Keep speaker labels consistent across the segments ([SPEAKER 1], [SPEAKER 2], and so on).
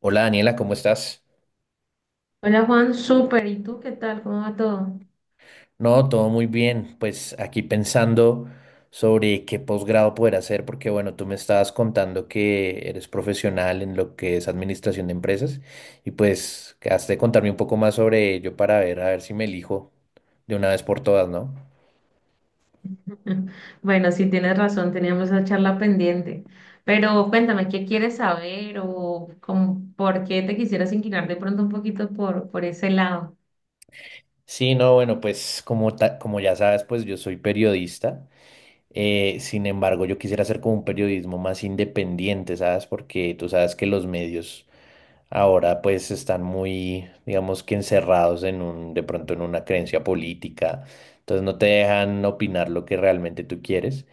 [SPEAKER 1] Hola Daniela, ¿cómo estás?
[SPEAKER 2] Hola Juan, súper. ¿Y tú qué tal? ¿Cómo va todo?
[SPEAKER 1] No, todo muy bien. Pues aquí pensando sobre qué posgrado poder hacer, porque bueno, tú me estabas contando que eres profesional en lo que es administración de empresas y pues has de contarme un poco más sobre ello para ver, a ver si me elijo de una vez por todas, ¿no?
[SPEAKER 2] Bueno, sí tienes razón, teníamos esa charla pendiente. Pero cuéntame, ¿qué quieres saber o por qué te quisieras inclinar de pronto un poquito por ese lado?
[SPEAKER 1] Sí, no, bueno, pues como, como ya sabes, pues yo soy periodista. Sin embargo, yo quisiera hacer como un periodismo más independiente, ¿sabes? Porque tú sabes que los medios ahora pues están muy, digamos que encerrados en un, de pronto en una creencia política, entonces no te dejan opinar lo que realmente tú quieres.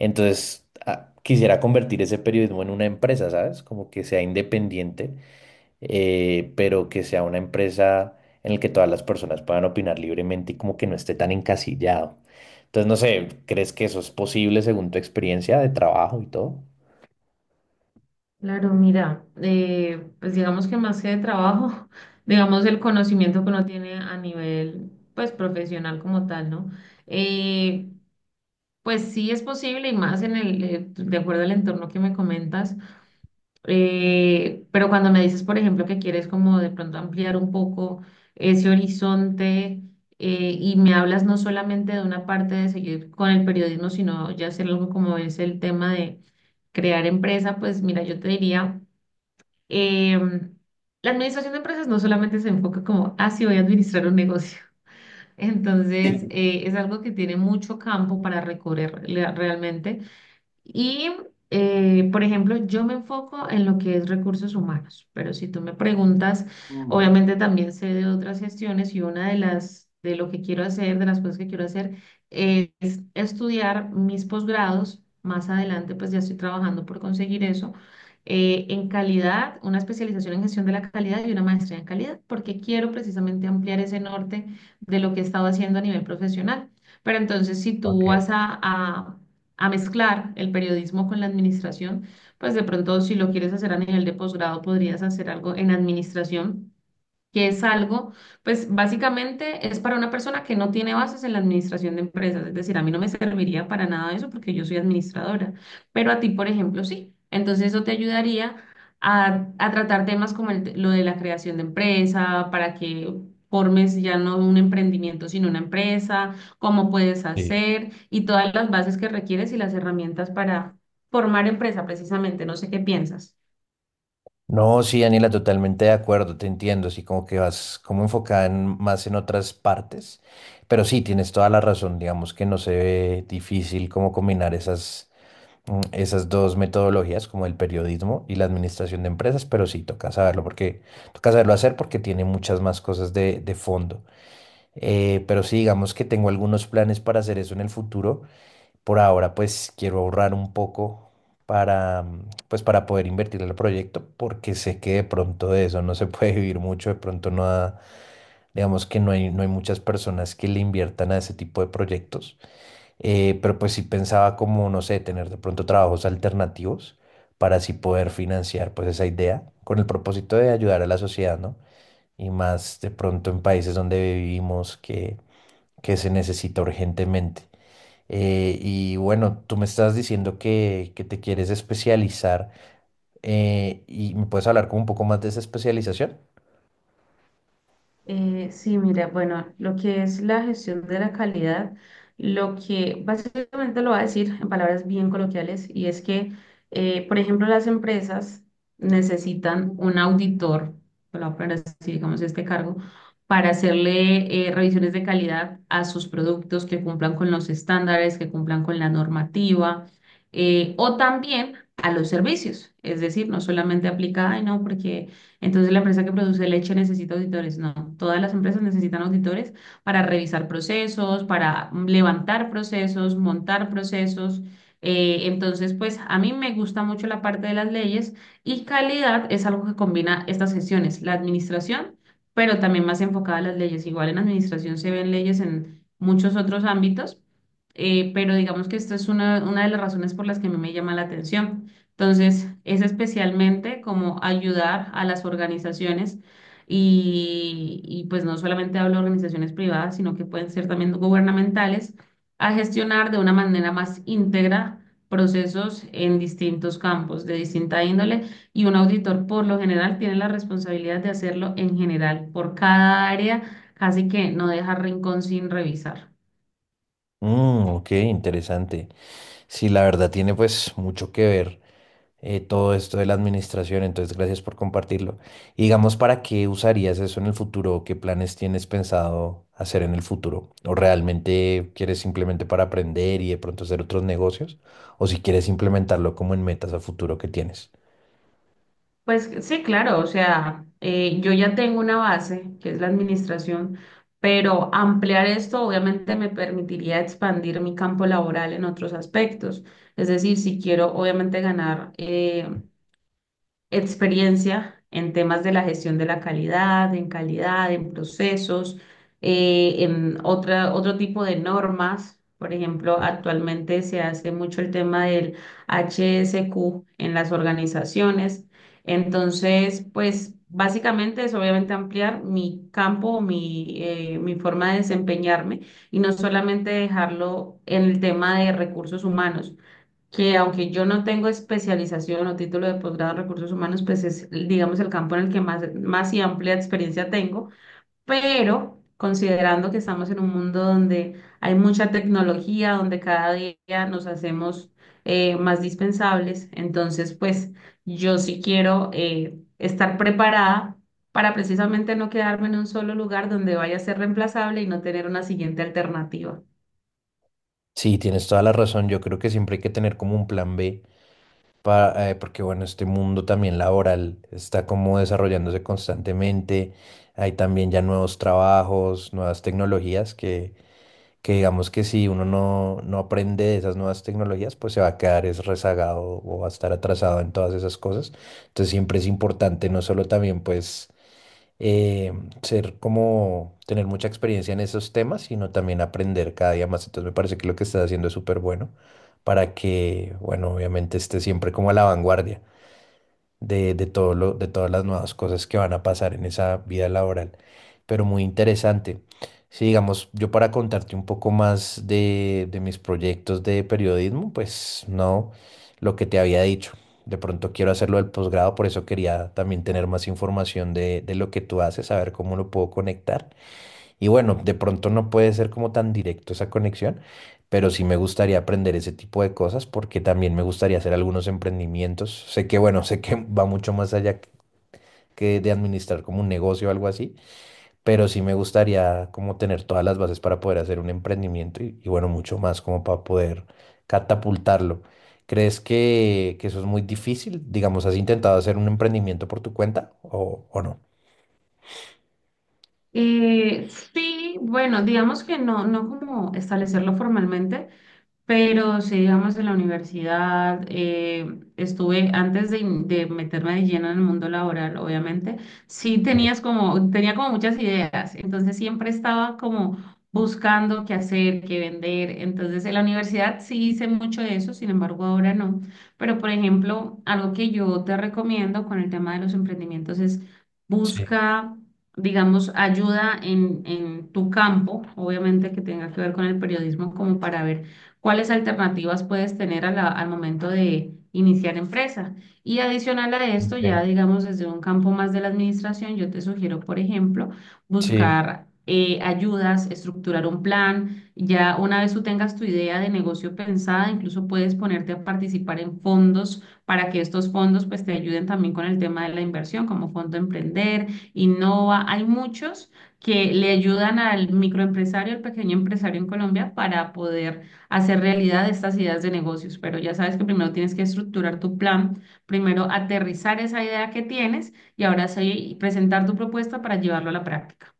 [SPEAKER 1] Entonces quisiera convertir ese periodismo en una empresa, ¿sabes? Como que sea independiente, pero que sea una empresa en la que todas las personas puedan opinar libremente y como que no esté tan encasillado. Entonces no sé, ¿crees que eso es posible según tu experiencia de trabajo y todo?
[SPEAKER 2] Claro, mira, pues digamos que más que de trabajo, digamos el conocimiento que uno tiene a nivel pues profesional como tal, ¿no? Eh, pues sí es posible y más en el, de acuerdo al entorno que me comentas. Pero cuando me dices, por ejemplo, que quieres como de pronto ampliar un poco ese horizonte y me hablas no solamente de una parte de seguir con el periodismo, sino ya hacer algo como es el tema de crear empresa, pues mira, yo te diría, em, la administración de empresas no solamente se enfoca como, ah, sí, voy a administrar un negocio. Entonces, es algo que tiene mucho campo para realmente. Y, por ejemplo, yo me enfoco en lo que es recursos humanos, pero si tú me preguntas,
[SPEAKER 1] Mm,
[SPEAKER 2] obviamente también sé de otras gestiones y una de las, de lo que quiero hacer, de las cosas que quiero hacer, es estudiar mis posgrados. Más adelante, pues ya estoy trabajando por conseguir eso. En calidad, una especialización en gestión de la calidad y una maestría en calidad, porque quiero precisamente ampliar ese norte de lo que he estado haciendo a nivel profesional. Pero entonces, si
[SPEAKER 1] ok.
[SPEAKER 2] tú vas a mezclar el periodismo con la administración, pues de pronto si lo quieres hacer a nivel de posgrado, podrías hacer algo en administración que es algo, pues básicamente es para una persona que no tiene bases en la administración de empresas, es decir, a mí no me serviría para nada eso porque yo soy administradora, pero a ti, por ejemplo, sí. Entonces eso te ayudaría a tratar temas como lo de la creación de empresa, para que formes ya no un emprendimiento, sino una empresa, cómo puedes
[SPEAKER 1] Sí.
[SPEAKER 2] hacer y todas las bases que requieres y las herramientas para formar empresa precisamente. No sé qué piensas.
[SPEAKER 1] No, sí, Daniela, totalmente de acuerdo, te entiendo, así como que vas como enfocada en- más en otras partes, pero sí, tienes toda la razón, digamos que no se ve difícil como combinar esas, esas dos metodologías, como el periodismo y la administración de empresas, pero sí, toca saberlo porque, toca saberlo hacer porque tiene muchas más cosas de fondo. Pero sí, digamos que tengo algunos planes para hacer eso en el futuro. Por ahora, pues quiero ahorrar un poco para, para poder invertir en el proyecto, porque sé que de pronto de eso no se puede vivir mucho, de pronto digamos que no hay muchas personas que le inviertan a ese tipo de proyectos. Pero pues sí pensaba como, no sé, tener de pronto trabajos alternativos para así poder financiar pues esa idea con el propósito de ayudar a la sociedad, ¿no? Y más de pronto en países donde vivimos que se necesita urgentemente. Y bueno, tú me estás diciendo que te quieres especializar, y me puedes hablar como un poco más de esa especialización.
[SPEAKER 2] Sí, mira, bueno, lo que es la gestión de la calidad, lo que básicamente lo va a decir en palabras bien coloquiales, y es que, por ejemplo, las empresas necesitan un auditor, lo voy a poner así, digamos, este cargo, para hacerle revisiones de calidad a sus productos que cumplan con los estándares, que cumplan con la normativa, o también a los servicios. Es decir, no solamente aplica, ay, no, porque entonces, la empresa que produce leche necesita auditores. No, todas las empresas necesitan auditores para revisar procesos, para levantar procesos, montar procesos. Entonces, pues a mí me gusta mucho la parte de las leyes y calidad es algo que combina estas sesiones, la administración, pero también más enfocada a las leyes. Igual en administración se ven leyes en muchos otros ámbitos, pero digamos que esta es una de las razones por las que a mí me llama la atención. Entonces, es especialmente como ayudar a las organizaciones pues no solamente hablo de organizaciones privadas, sino que pueden ser también gubernamentales, a gestionar de una manera más íntegra procesos en distintos campos de distinta índole y un auditor por lo general tiene la responsabilidad de hacerlo en general por cada área, casi que no deja rincón sin revisar.
[SPEAKER 1] Mm, ok, interesante. Sí, la verdad tiene pues mucho que ver, todo esto de la administración, entonces gracias por compartirlo. Y digamos, ¿para qué usarías eso en el futuro? O ¿qué planes tienes pensado hacer en el futuro? ¿O realmente quieres simplemente para aprender y de pronto hacer otros negocios? ¿O si quieres implementarlo como en metas a futuro que tienes?
[SPEAKER 2] Pues sí, claro, o sea, yo ya tengo una base, que es la administración, pero ampliar esto obviamente me permitiría expandir mi campo laboral en otros aspectos. Es decir, si quiero obviamente ganar experiencia en temas de la gestión de la calidad, en calidad, en procesos, en otro tipo de normas. Por ejemplo, actualmente se hace mucho el tema del HSQ en las organizaciones. Entonces, pues básicamente es obviamente ampliar mi campo, mi forma de desempeñarme y no solamente dejarlo en el tema de recursos humanos que aunque yo no tengo especialización o título de posgrado en recursos humanos, pues es, digamos, el campo en el que más y amplia experiencia tengo, pero considerando que estamos en un mundo donde hay mucha tecnología, donde cada día nos hacemos más dispensables, entonces, pues yo sí quiero estar preparada para precisamente no quedarme en un solo lugar donde vaya a ser reemplazable y no tener una siguiente alternativa.
[SPEAKER 1] Sí, tienes toda la razón. Yo creo que siempre hay que tener como un plan B para, porque bueno, este mundo también laboral está como desarrollándose constantemente. Hay también ya nuevos trabajos, nuevas tecnologías que digamos que si uno no aprende de esas nuevas tecnologías, pues se va a quedar es rezagado o va a estar atrasado en todas esas cosas. Entonces siempre es importante no solo también pues, eh, ser como tener mucha experiencia en esos temas, sino también aprender cada día más. Entonces me parece que lo que estás haciendo es súper bueno para que, bueno, obviamente estés siempre como a la vanguardia de todo de todas las nuevas cosas que van a pasar en esa vida laboral, pero muy interesante. Sí, digamos, yo para contarte un poco más de mis proyectos de periodismo, pues no, lo que te había dicho. De pronto quiero hacerlo del posgrado, por eso quería también tener más información de lo que tú haces, saber cómo lo puedo conectar. Y bueno, de pronto no puede ser como tan directo esa conexión, pero sí me gustaría aprender ese tipo de cosas porque también me gustaría hacer algunos emprendimientos. Sé que, bueno, sé que va mucho más allá que de administrar como un negocio o algo así, pero sí me gustaría como tener todas las bases para poder hacer un emprendimiento y bueno, mucho más como para poder catapultarlo. ¿Crees que eso es muy difícil? Digamos, ¿has intentado hacer un emprendimiento por tu cuenta o no?
[SPEAKER 2] Sí, bueno, digamos que no, no como establecerlo formalmente, pero sí, digamos, en la universidad, estuve antes de meterme de lleno en el mundo laboral, obviamente, sí
[SPEAKER 1] Sí,
[SPEAKER 2] tenía como muchas ideas, entonces siempre estaba como buscando qué hacer, qué vender, entonces en la universidad sí hice mucho de eso, sin embargo ahora no, pero por ejemplo, algo que yo te recomiendo con el tema de los emprendimientos es
[SPEAKER 1] sí,
[SPEAKER 2] busca... digamos, ayuda en tu campo, obviamente que tenga que ver con el periodismo, como para ver cuáles alternativas puedes tener a al momento de iniciar empresa. Y adicional a esto,
[SPEAKER 1] ok,
[SPEAKER 2] ya digamos desde un campo más de la administración, yo te sugiero, por ejemplo,
[SPEAKER 1] sí.
[SPEAKER 2] buscar ayudas, estructurar un plan. Ya una vez tú tengas tu idea de negocio pensada, incluso puedes ponerte a participar en fondos para que estos fondos pues te ayuden también con el tema de la inversión, como Fondo Emprender, Innova. Hay muchos que le ayudan al microempresario, al pequeño empresario en Colombia para poder hacer realidad estas ideas de negocios, pero ya sabes que primero tienes que estructurar tu plan, primero aterrizar esa idea que tienes y ahora sí presentar tu propuesta para llevarlo a la práctica.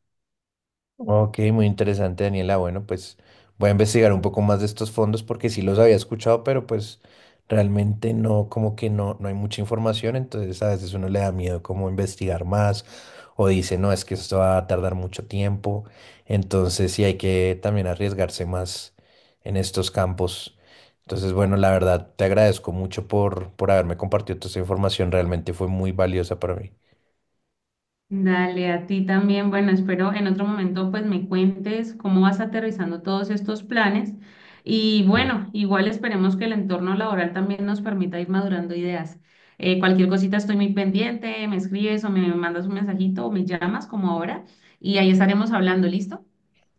[SPEAKER 1] Ok, muy interesante, Daniela. Bueno, pues voy a investigar un poco más de estos fondos porque sí los había escuchado, pero pues realmente no, como que no hay mucha información, entonces a veces uno le da miedo como investigar más o dice, no, es que esto va a tardar mucho tiempo, entonces sí hay que también arriesgarse más en estos campos. Entonces, bueno, la verdad, te agradezco mucho por haberme compartido toda esta información, realmente fue muy valiosa para mí.
[SPEAKER 2] Dale, a ti también. Bueno, espero en otro momento pues me cuentes cómo vas aterrizando todos estos planes y bueno, igual esperemos que el entorno laboral también nos permita ir madurando ideas. Cualquier cosita estoy muy pendiente, me escribes o me mandas un mensajito o me llamas como ahora y ahí estaremos hablando, ¿listo?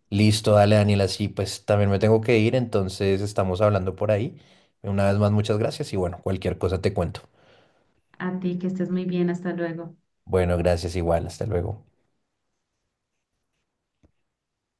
[SPEAKER 1] Listo, dale Daniel, así pues también me tengo que ir, entonces estamos hablando por ahí. Una vez más, muchas gracias y bueno, cualquier cosa te cuento.
[SPEAKER 2] A ti, que estés muy bien. Hasta luego.
[SPEAKER 1] Bueno, gracias igual, hasta luego.